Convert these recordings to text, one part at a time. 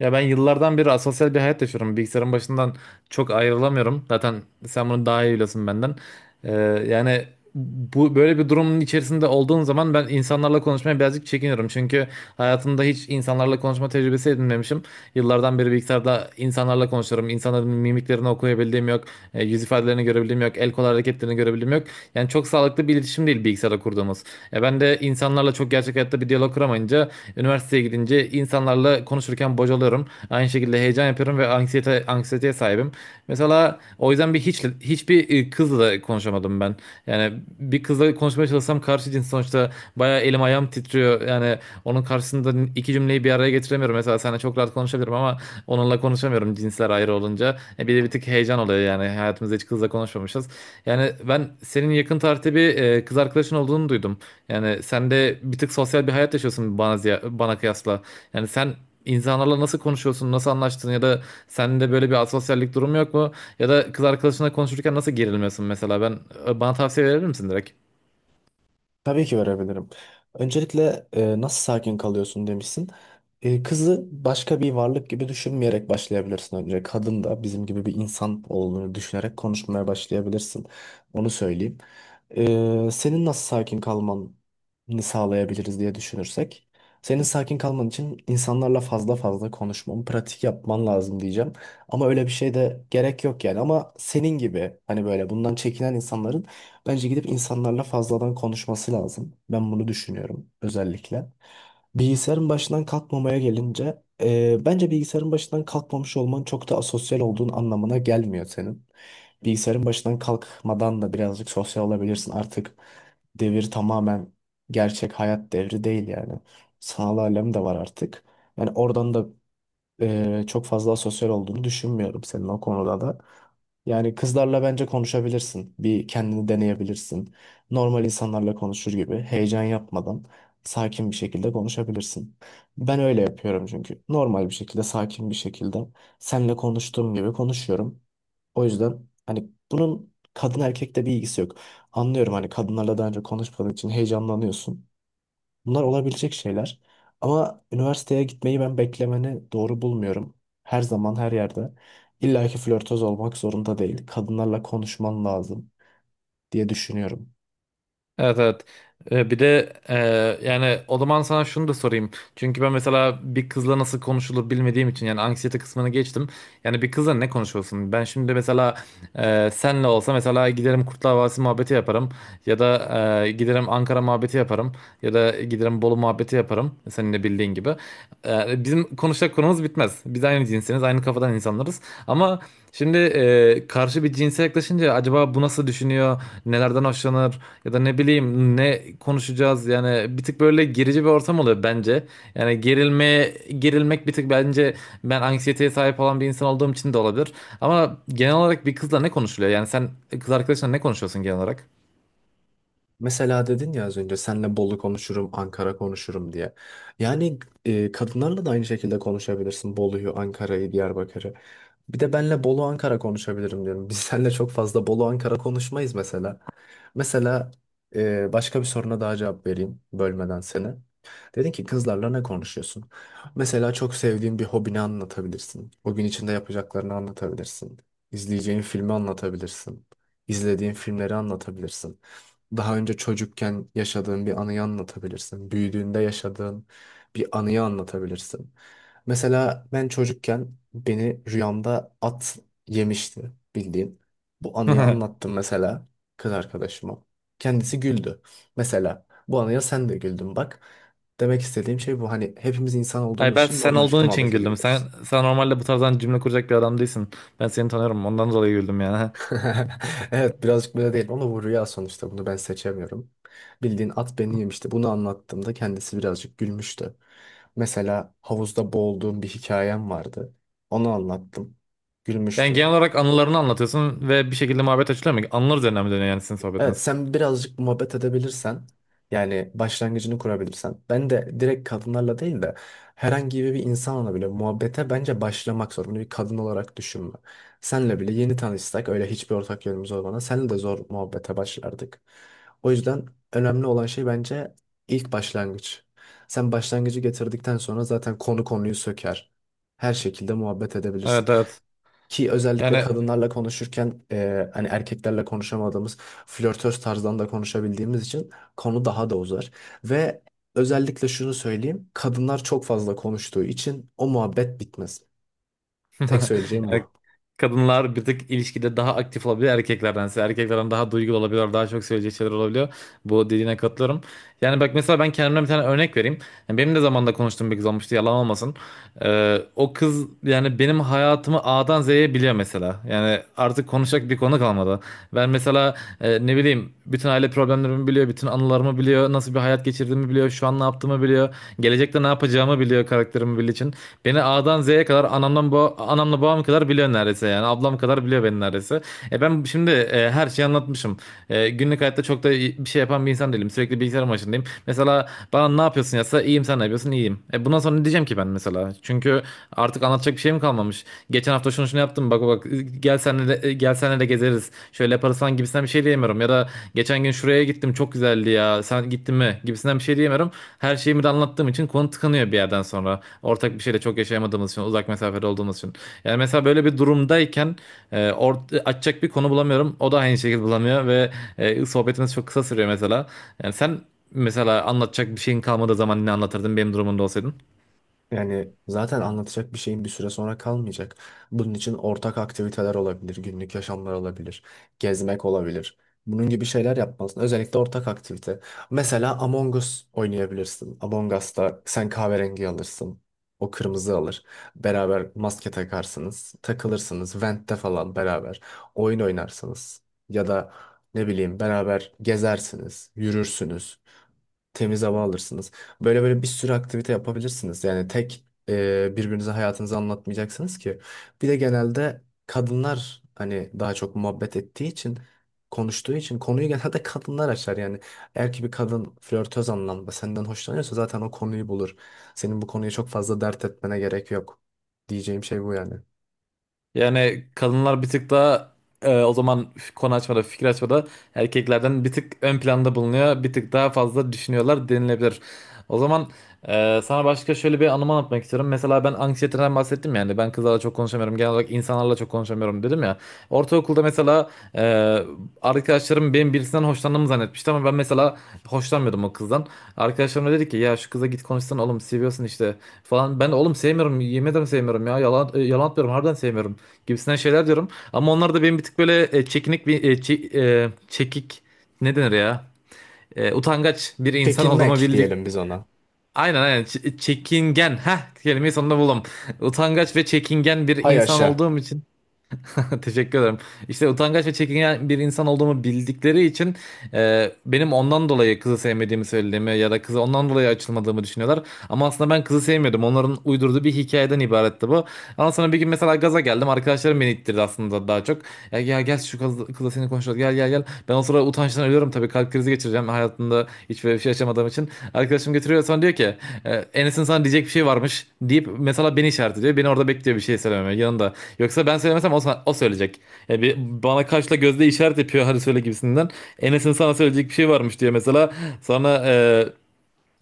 Ya ben yıllardan beri asosyal bir hayat yaşıyorum. Bilgisayarın başından çok ayrılamıyorum. Zaten sen bunu daha iyi biliyorsun benden. Ee, yani bu böyle bir durumun içerisinde olduğum zaman ben insanlarla konuşmaya birazcık çekiniyorum. Çünkü hayatımda hiç insanlarla konuşma tecrübesi edinmemişim. Yıllardan beri bilgisayarda insanlarla konuşuyorum. İnsanların mimiklerini okuyabildiğim yok. Yüz ifadelerini görebildiğim yok. El kol hareketlerini görebildiğim yok. Yani çok sağlıklı bir iletişim değil bilgisayarda kurduğumuz. Ben de insanlarla çok gerçek hayatta bir diyalog kuramayınca üniversiteye gidince insanlarla konuda konuşurken bocalıyorum. Aynı şekilde heyecan yapıyorum ve anksiyeteye sahibim. Mesela o yüzden bir hiç hiçbir e, kızla da konuşamadım ben. Yani bir kızla konuşmaya çalışsam karşı cins sonuçta bayağı elim ayağım titriyor. Yani onun karşısında iki cümleyi bir araya getiremiyorum. Mesela seninle çok rahat konuşabilirim ama onunla konuşamıyorum cinsler ayrı olunca. Bir de bir tık heyecan oluyor yani hayatımızda hiç kızla konuşmamışız. Yani ben senin yakın tarihte bir kız arkadaşın olduğunu duydum. Yani sen de bir tık sosyal bir hayat yaşıyorsun bana kıyasla. Yani sen insanlarla nasıl konuşuyorsun, nasıl anlaştın ya da sende böyle bir asosyallik durumu yok mu? Ya da kız arkadaşınla konuşurken nasıl gerilmiyorsun mesela? Bana tavsiye verir misin direkt? Tabii ki verebilirim. Öncelikle nasıl sakin kalıyorsun demişsin. Kızı başka bir varlık gibi düşünmeyerek başlayabilirsin önce. Kadın da bizim gibi bir insan olduğunu düşünerek konuşmaya başlayabilirsin. Onu söyleyeyim. Senin nasıl sakin kalmanı sağlayabiliriz diye düşünürsek. Senin sakin kalman için insanlarla fazla fazla konuşman, pratik yapman lazım diyeceğim. Ama öyle bir şey de gerek yok yani. Ama senin gibi hani böyle bundan çekinen insanların bence gidip insanlarla fazladan konuşması lazım. Ben bunu düşünüyorum özellikle. Bilgisayarın başından kalkmamaya gelince bence bilgisayarın başından kalkmamış olman çok da asosyal olduğun anlamına gelmiyor senin. Bilgisayarın başından kalkmadan da birazcık sosyal olabilirsin. Artık devir tamamen gerçek hayat devri değil yani. Sanal alem de var artık. Yani oradan da çok fazla sosyal olduğunu düşünmüyorum senin o konuda da. Yani kızlarla bence konuşabilirsin. Bir kendini deneyebilirsin. Normal insanlarla konuşur gibi heyecan yapmadan sakin bir şekilde konuşabilirsin. Ben öyle yapıyorum çünkü. Normal bir şekilde, sakin bir şekilde seninle konuştuğum gibi konuşuyorum. O yüzden hani bunun kadın erkekte bir ilgisi yok. Anlıyorum hani kadınlarla daha önce konuşmadığın için heyecanlanıyorsun. Bunlar olabilecek şeyler. Ama üniversiteye gitmeyi ben beklemeni doğru bulmuyorum. Her zaman her yerde. İlla ki flörtöz olmak zorunda değil. Kadınlarla konuşman lazım diye düşünüyorum. Evet, evet. Bir de yani o zaman sana şunu da sorayım. Çünkü ben mesela bir kızla nasıl konuşulur bilmediğim için yani anksiyete kısmını geçtim. Yani bir kızla ne konuşuyorsun? Ben şimdi mesela senle olsa mesela giderim Kurtlar Vadisi muhabbeti yaparım. Ya da giderim Ankara muhabbeti yaparım. Ya da giderim Bolu muhabbeti yaparım. Senin de bildiğin gibi. Bizim konuşacak konumuz bitmez. Biz aynı cinsiniz, aynı kafadan insanlarız. Ama şimdi karşı bir cinse yaklaşınca acaba bu nasıl düşünüyor, nelerden hoşlanır ya da ne bileyim ne konuşacağız, yani bir tık böyle gerici bir ortam oluyor bence. Yani gerilmek bir tık bence ben anksiyeteye sahip olan bir insan olduğum için de olabilir. Ama genel olarak bir kızla ne konuşuluyor? Yani sen kız arkadaşınla ne konuşuyorsun genel olarak? Mesela dedin ya az önce senle Bolu konuşurum, Ankara konuşurum diye. Yani kadınlarla da aynı şekilde konuşabilirsin. Bolu'yu, Ankara'yı, Diyarbakır'ı. Bir de benle Bolu Ankara konuşabilirim diyorum. Biz seninle çok fazla Bolu Ankara konuşmayız mesela. Mesela başka bir soruna daha cevap vereyim bölmeden seni. Dedin ki kızlarla ne konuşuyorsun? Mesela çok sevdiğin bir hobini anlatabilirsin. O gün içinde yapacaklarını anlatabilirsin. İzleyeceğin filmi anlatabilirsin. İzlediğin filmleri anlatabilirsin, daha önce çocukken yaşadığın bir anıyı anlatabilirsin. Büyüdüğünde yaşadığın bir anıyı anlatabilirsin. Mesela ben çocukken beni rüyamda at yemişti bildiğin. Bu anıyı anlattım mesela kız arkadaşıma. Kendisi güldü. Mesela bu anıya sen de güldün bak. Demek istediğim şey bu. Hani hepimiz insan Hayır, olduğumuz ben için sen normal şekilde olduğun için muhabbet güldüm. Sen edebiliriz. sen normalde bu tarzdan cümle kuracak bir adam değilsin. Ben seni tanıyorum, ondan dolayı güldüm yani. Evet, birazcık böyle değil ama bu rüya sonuçta bunu ben seçemiyorum. Bildiğin at beni yemişti. Bunu anlattığımda kendisi birazcık gülmüştü. Mesela havuzda boğulduğum bir hikayem vardı. Onu anlattım. Yani Gülmüştü. genel olarak anılarını anlatıyorsun ve bir şekilde muhabbet açılıyor mu? Anılar üzerine mi dönüyor yani sizin Evet, sohbetiniz? sen birazcık muhabbet edebilirsen yani başlangıcını kurabilirsen ben de direkt kadınlarla değil de herhangi bir insanla bile muhabbete bence başlamak zor. Bunu bir kadın olarak düşünme. Senle bile yeni tanışsak öyle hiçbir ortak yönümüz olmadan senle de zor muhabbete başlardık. O yüzden önemli olan şey bence ilk başlangıç. Sen başlangıcı getirdikten sonra zaten konu konuyu söker. Her şekilde muhabbet edebilirsin. Evet, evet. Ki özellikle Yani, kadınlarla konuşurken hani erkeklerle konuşamadığımız flörtöz tarzdan da konuşabildiğimiz için konu daha da uzar. Ve özellikle şunu söyleyeyim, kadınlar çok fazla konuştuğu için o muhabbet bitmez. Tek söyleyeceğim yani bu. kadınlar bir tık ilişkide daha aktif olabiliyor erkeklerdense. Erkeklerden daha duygulu olabiliyor, daha çok söyleyecek şeyler olabiliyor. Bu dediğine katılıyorum. Yani bak, mesela ben kendimden bir tane örnek vereyim. Yani benim de zamanında konuştuğum bir kız olmuştu, yalan olmasın. O kız yani benim hayatımı A'dan Z'ye biliyor mesela. Yani artık konuşacak bir konu kalmadı. Ben mesela ne bileyim bütün aile problemlerimi biliyor, bütün anılarımı biliyor, nasıl bir hayat geçirdiğimi biliyor, şu an ne yaptığımı biliyor, gelecekte ne yapacağımı biliyor karakterimi bildiği için. Beni A'dan Z'ye kadar anamdan ba anamla babam kadar biliyor neredeyse yani. Ablam kadar biliyor beni neredeyse. Ben şimdi her şeyi anlatmışım. Günlük hayatta çok da bir şey yapan bir insan değilim. Sürekli bilgisayar başındayım. Mesela bana ne yapıyorsun yazsa iyiyim, sen ne yapıyorsun iyiyim. Bundan sonra ne diyeceğim ki ben mesela? Çünkü artık anlatacak bir şeyim kalmamış. Geçen hafta şunu şunu yaptım, bak bak, gel senle de gezeriz. Şöyle yaparız falan gibisinden bir şey diyemiyorum. Ya da geçen gün şuraya gittim çok güzeldi ya, sen gittin mi gibisinden bir şey diyemiyorum. Her şeyimi de anlattığım için konu tıkanıyor bir yerden sonra. Ortak bir şeyle çok yaşayamadığımız için, uzak mesafede olduğumuz için. Yani mesela böyle bir durumdayken açacak bir konu bulamıyorum. O da aynı şekilde bulamıyor ve sohbetimiz çok kısa sürüyor mesela. Yani sen mesela anlatacak bir şeyin kalmadığı zaman ne anlatırdın benim durumumda olsaydın? Yani zaten anlatacak bir şeyin bir süre sonra kalmayacak. Bunun için ortak aktiviteler olabilir, günlük yaşamlar olabilir, gezmek olabilir. Bunun gibi şeyler yapmalısın. Özellikle ortak aktivite. Mesela Among Us oynayabilirsin. Among Us'ta sen kahverengi alırsın. O kırmızı alır. Beraber maske takarsınız. Takılırsınız. Vent'te falan beraber. Oyun oynarsınız. Ya da ne bileyim beraber gezersiniz. Yürürsünüz, temiz hava alırsınız. Böyle böyle bir sürü aktivite yapabilirsiniz. Yani tek birbirinize hayatınızı anlatmayacaksınız ki. Bir de genelde kadınlar hani daha çok muhabbet ettiği için konuştuğu için konuyu genelde kadınlar açar yani. Eğer ki bir kadın flörtöz anlamda senden hoşlanıyorsa zaten o konuyu bulur. Senin bu konuyu çok fazla dert etmene gerek yok. Diyeceğim şey bu yani. Yani kadınlar bir tık daha o zaman konu açmada, fikir açmada erkeklerden bir tık ön planda bulunuyor. Bir tık daha fazla düşünüyorlar denilebilir. O zaman sana başka şöyle bir anımı anlatmak istiyorum. Mesela ben anksiyeteden bahsettim yani. Ben kızlarla çok konuşamıyorum. Genel olarak insanlarla çok konuşamıyorum dedim ya. Ortaokulda mesela e, arkadaşlarım benim birisinden hoşlandığımı zannetmişti ama ben mesela hoşlanmıyordum o kızdan. Arkadaşlarım da dedi ki ya şu kıza git konuşsan oğlum, seviyorsun işte falan. Ben de oğlum sevmiyorum, yemin ederim sevmiyorum ya, yalan atmıyorum, harbiden sevmiyorum gibisinden şeyler diyorum. Ama onlar da benim bir tık böyle çekinik bir çekik ne denir ya? Utangaç bir insan olduğumu Çekinmek bildik. diyelim biz ona. Aynen aynen, çekingen. Heh, kelimeyi sonunda buldum. Utangaç ve çekingen bir Hay insan aşa. olduğum için teşekkür ederim. İşte utangaç ve çekingen bir insan olduğumu bildikleri için benim ondan dolayı kızı sevmediğimi söylediğimi ya da kızı ondan dolayı açılmadığımı düşünüyorlar. Ama aslında ben kızı sevmiyordum. Onların uydurduğu bir hikayeden ibaretti bu. Ama sonra bir gün mesela gaza geldim. Arkadaşlarım beni ittirdi aslında daha çok. Ya gel şu kızla seni konuşalım. Gel gel gel. Ben o sırada utançtan ölüyorum tabii. Kalp krizi geçireceğim. Hayatımda hiç böyle bir şey yaşamadığım için arkadaşım getiriyor, sonra diyor ki Enes'in sana diyecek bir şey varmış deyip mesela beni işaret ediyor. Beni orada bekliyor bir şey söylememe yanında. Yoksa ben söylemesem o söyleyecek. Yani bana kaşla gözle işaret yapıyor hadi söyle gibisinden. Enes'in sana söyleyecek bir şey varmış diyor mesela. Sonra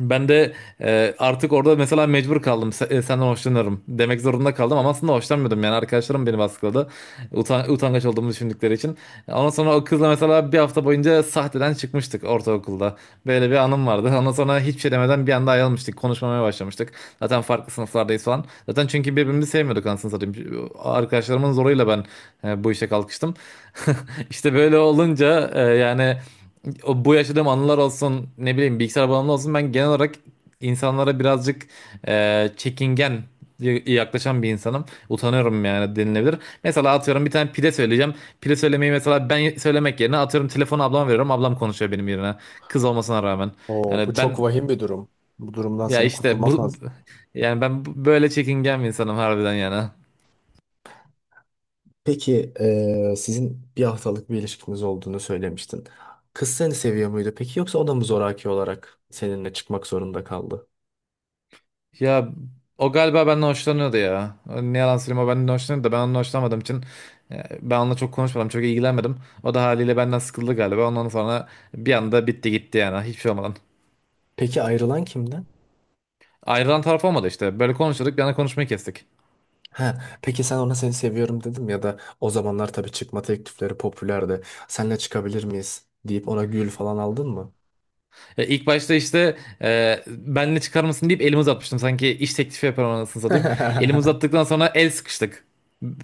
ben de artık orada mesela mecbur kaldım. Senden hoşlanıyorum demek zorunda kaldım ama aslında hoşlanmıyordum. Yani arkadaşlarım beni baskıladı. Utangaç olduğumu düşündükleri için. Ondan sonra o kızla mesela bir hafta boyunca sahteden çıkmıştık ortaokulda. Böyle bir anım vardı. Ondan sonra hiçbir şey demeden bir anda ayrılmıştık. Konuşmamaya başlamıştık. Zaten farklı sınıflardayız falan. Zaten çünkü birbirimizi sevmiyorduk anasını satayım. Arkadaşlarımın zoruyla ben bu işe kalkıştım. İşte böyle olunca yani... Bu yaşadığım anılar olsun, ne bileyim bilgisayar bağımlı olsun, ben genel olarak insanlara birazcık çekingen yaklaşan bir insanım. Utanıyorum yani denilebilir. Mesela atıyorum bir tane pide söyleyeceğim. Pide söylemeyi mesela ben söylemek yerine atıyorum telefonu ablama veriyorum. Ablam konuşuyor benim yerine. Kız olmasına rağmen. Oo, bu Yani çok ben vahim bir durum. Bu durumdan ya senin işte kurtulman bu bu- lazım. yani ben bu- böyle çekingen bir insanım harbiden yani. Peki sizin bir haftalık bir ilişkiniz olduğunu söylemiştin. Kız seni seviyor muydu peki yoksa o da mı zoraki olarak seninle çıkmak zorunda kaldı? Ya, o galiba benden hoşlanıyordu ya. Ne yalan söyleyeyim, o benden hoşlanıyordu da ben onunla hoşlanmadığım için ben onunla çok konuşmadım, çok ilgilenmedim. O da haliyle benden sıkıldı galiba. Ondan sonra bir anda bitti gitti yani, hiçbir şey olmadan. Peki ayrılan kimdi? Ayrılan taraf olmadı işte. Böyle konuşuyorduk, bir anda konuşmayı kestik. Ha, peki sen ona seni seviyorum dedim ya da o zamanlar tabii çıkma teklifleri popülerdi. Senle çıkabilir miyiz deyip ona gül falan aldın mı? İlk başta işte benle çıkar mısın deyip elimi uzatmıştım. Sanki iş teklifi yapıyorum anasını satayım. Elimi uzattıktan sonra el sıkıştık.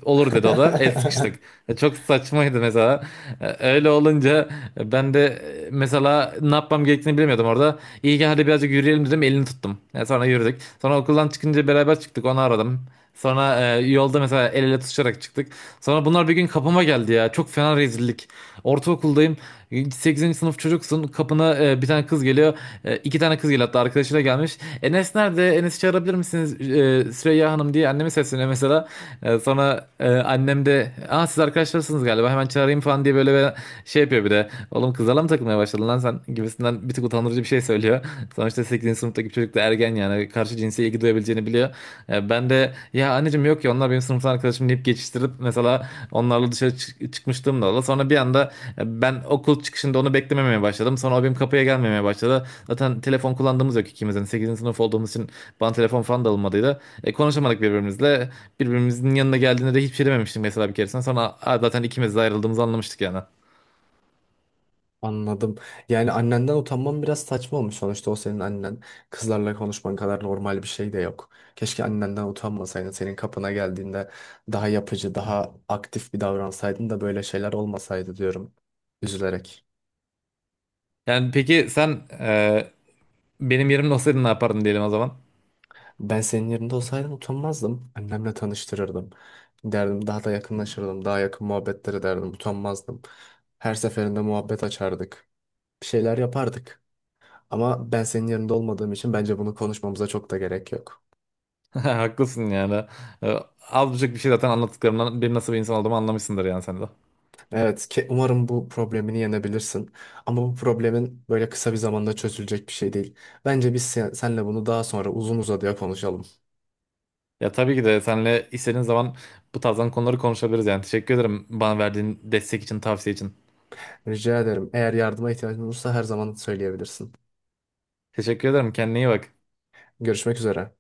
Olur dedi o da. El sıkıştık. Çok saçmaydı mesela. Öyle olunca ben de mesela ne yapmam gerektiğini bilemiyordum orada. İyi ki hadi birazcık yürüyelim dedim. Elini tuttum. Sonra yürüdük. Sonra okuldan çıkınca beraber çıktık. Onu aradım. Sonra yolda mesela el ele tutuşarak çıktık. Sonra bunlar bir gün kapıma geldi ya. Çok fena rezillik. Ortaokuldayım. 8. sınıf çocuksun. Kapına bir tane kız geliyor. İki tane kız geliyor hatta, arkadaşıyla gelmiş. Enes nerede? Enes'i çağırabilir misiniz? Süreyya Hanım diye annemi sesleniyor mesela. Sonra annem de, aa siz arkadaşlarsınız galiba hemen çağırayım falan diye böyle bir şey yapıyor bir de. Oğlum kızlarla mı takılmaya başladın lan sen gibisinden bir tık utandırıcı bir şey söylüyor. Sonuçta 8. sınıftaki bir çocuk da ergen, yani karşı cinse ilgi duyabileceğini biliyor. Ben de ya anneciğim, yok ya onlar benim sınıftan arkadaşım deyip geçiştirip mesela onlarla dışarı çıkmışlığım da oldu. Sonra bir anda ben okul çıkışında onu beklememeye başladım. Sonra o benim kapıya gelmemeye başladı. Zaten telefon kullandığımız yok ikimizin. Sekizinci sınıf olduğumuz için bana telefon falan da alınmadıydı. Konuşamadık birbirimizle. Birbirimizin yanına geldiğinde de hiçbir şey dememiştim mesela bir keresinde. Sonra, "Aa, zaten ikimiz de ayrıldığımızı anlamıştık yani." Anladım. Yani annenden utanman biraz saçma olmuş sonuçta o senin annen. Kızlarla konuşman kadar normal bir şey de yok. Keşke annenden utanmasaydın. Senin kapına geldiğinde daha yapıcı, daha aktif bir davransaydın da böyle şeyler olmasaydı diyorum. Üzülerek. Yani peki sen benim yerimde olsaydın ne yapardın diyelim o zaman? Ben senin yerinde olsaydım utanmazdım. Annemle tanıştırırdım. Derdim daha da yakınlaşırdım. Daha yakın muhabbetler ederdim. Utanmazdım. Her seferinde muhabbet açardık. Bir şeyler yapardık. Ama ben senin yerinde olmadığım için bence bunu konuşmamıza çok da gerek yok. Haklısın yani. Ee, Az buçuk bir şey zaten anlattıklarımdan benim nasıl bir insan olduğumu anlamışsındır yani sen de. Evet, ke- umarım bu problemini yenebilirsin. Ama bu problemin böyle kısa bir zamanda çözülecek bir şey değil. Bence biz senle bunu daha sonra uzun uzadıya konuşalım. Ya tabii ki de seninle istediğin zaman bu tarzdan konuları konuşabiliriz yani. Teşekkür ederim bana verdiğin destek için, tavsiye için. Rica ederim. Eğer yardıma ihtiyacın olursa her zaman söyleyebilirsin. Teşekkür ederim. Kendine iyi bak. Görüşmek üzere.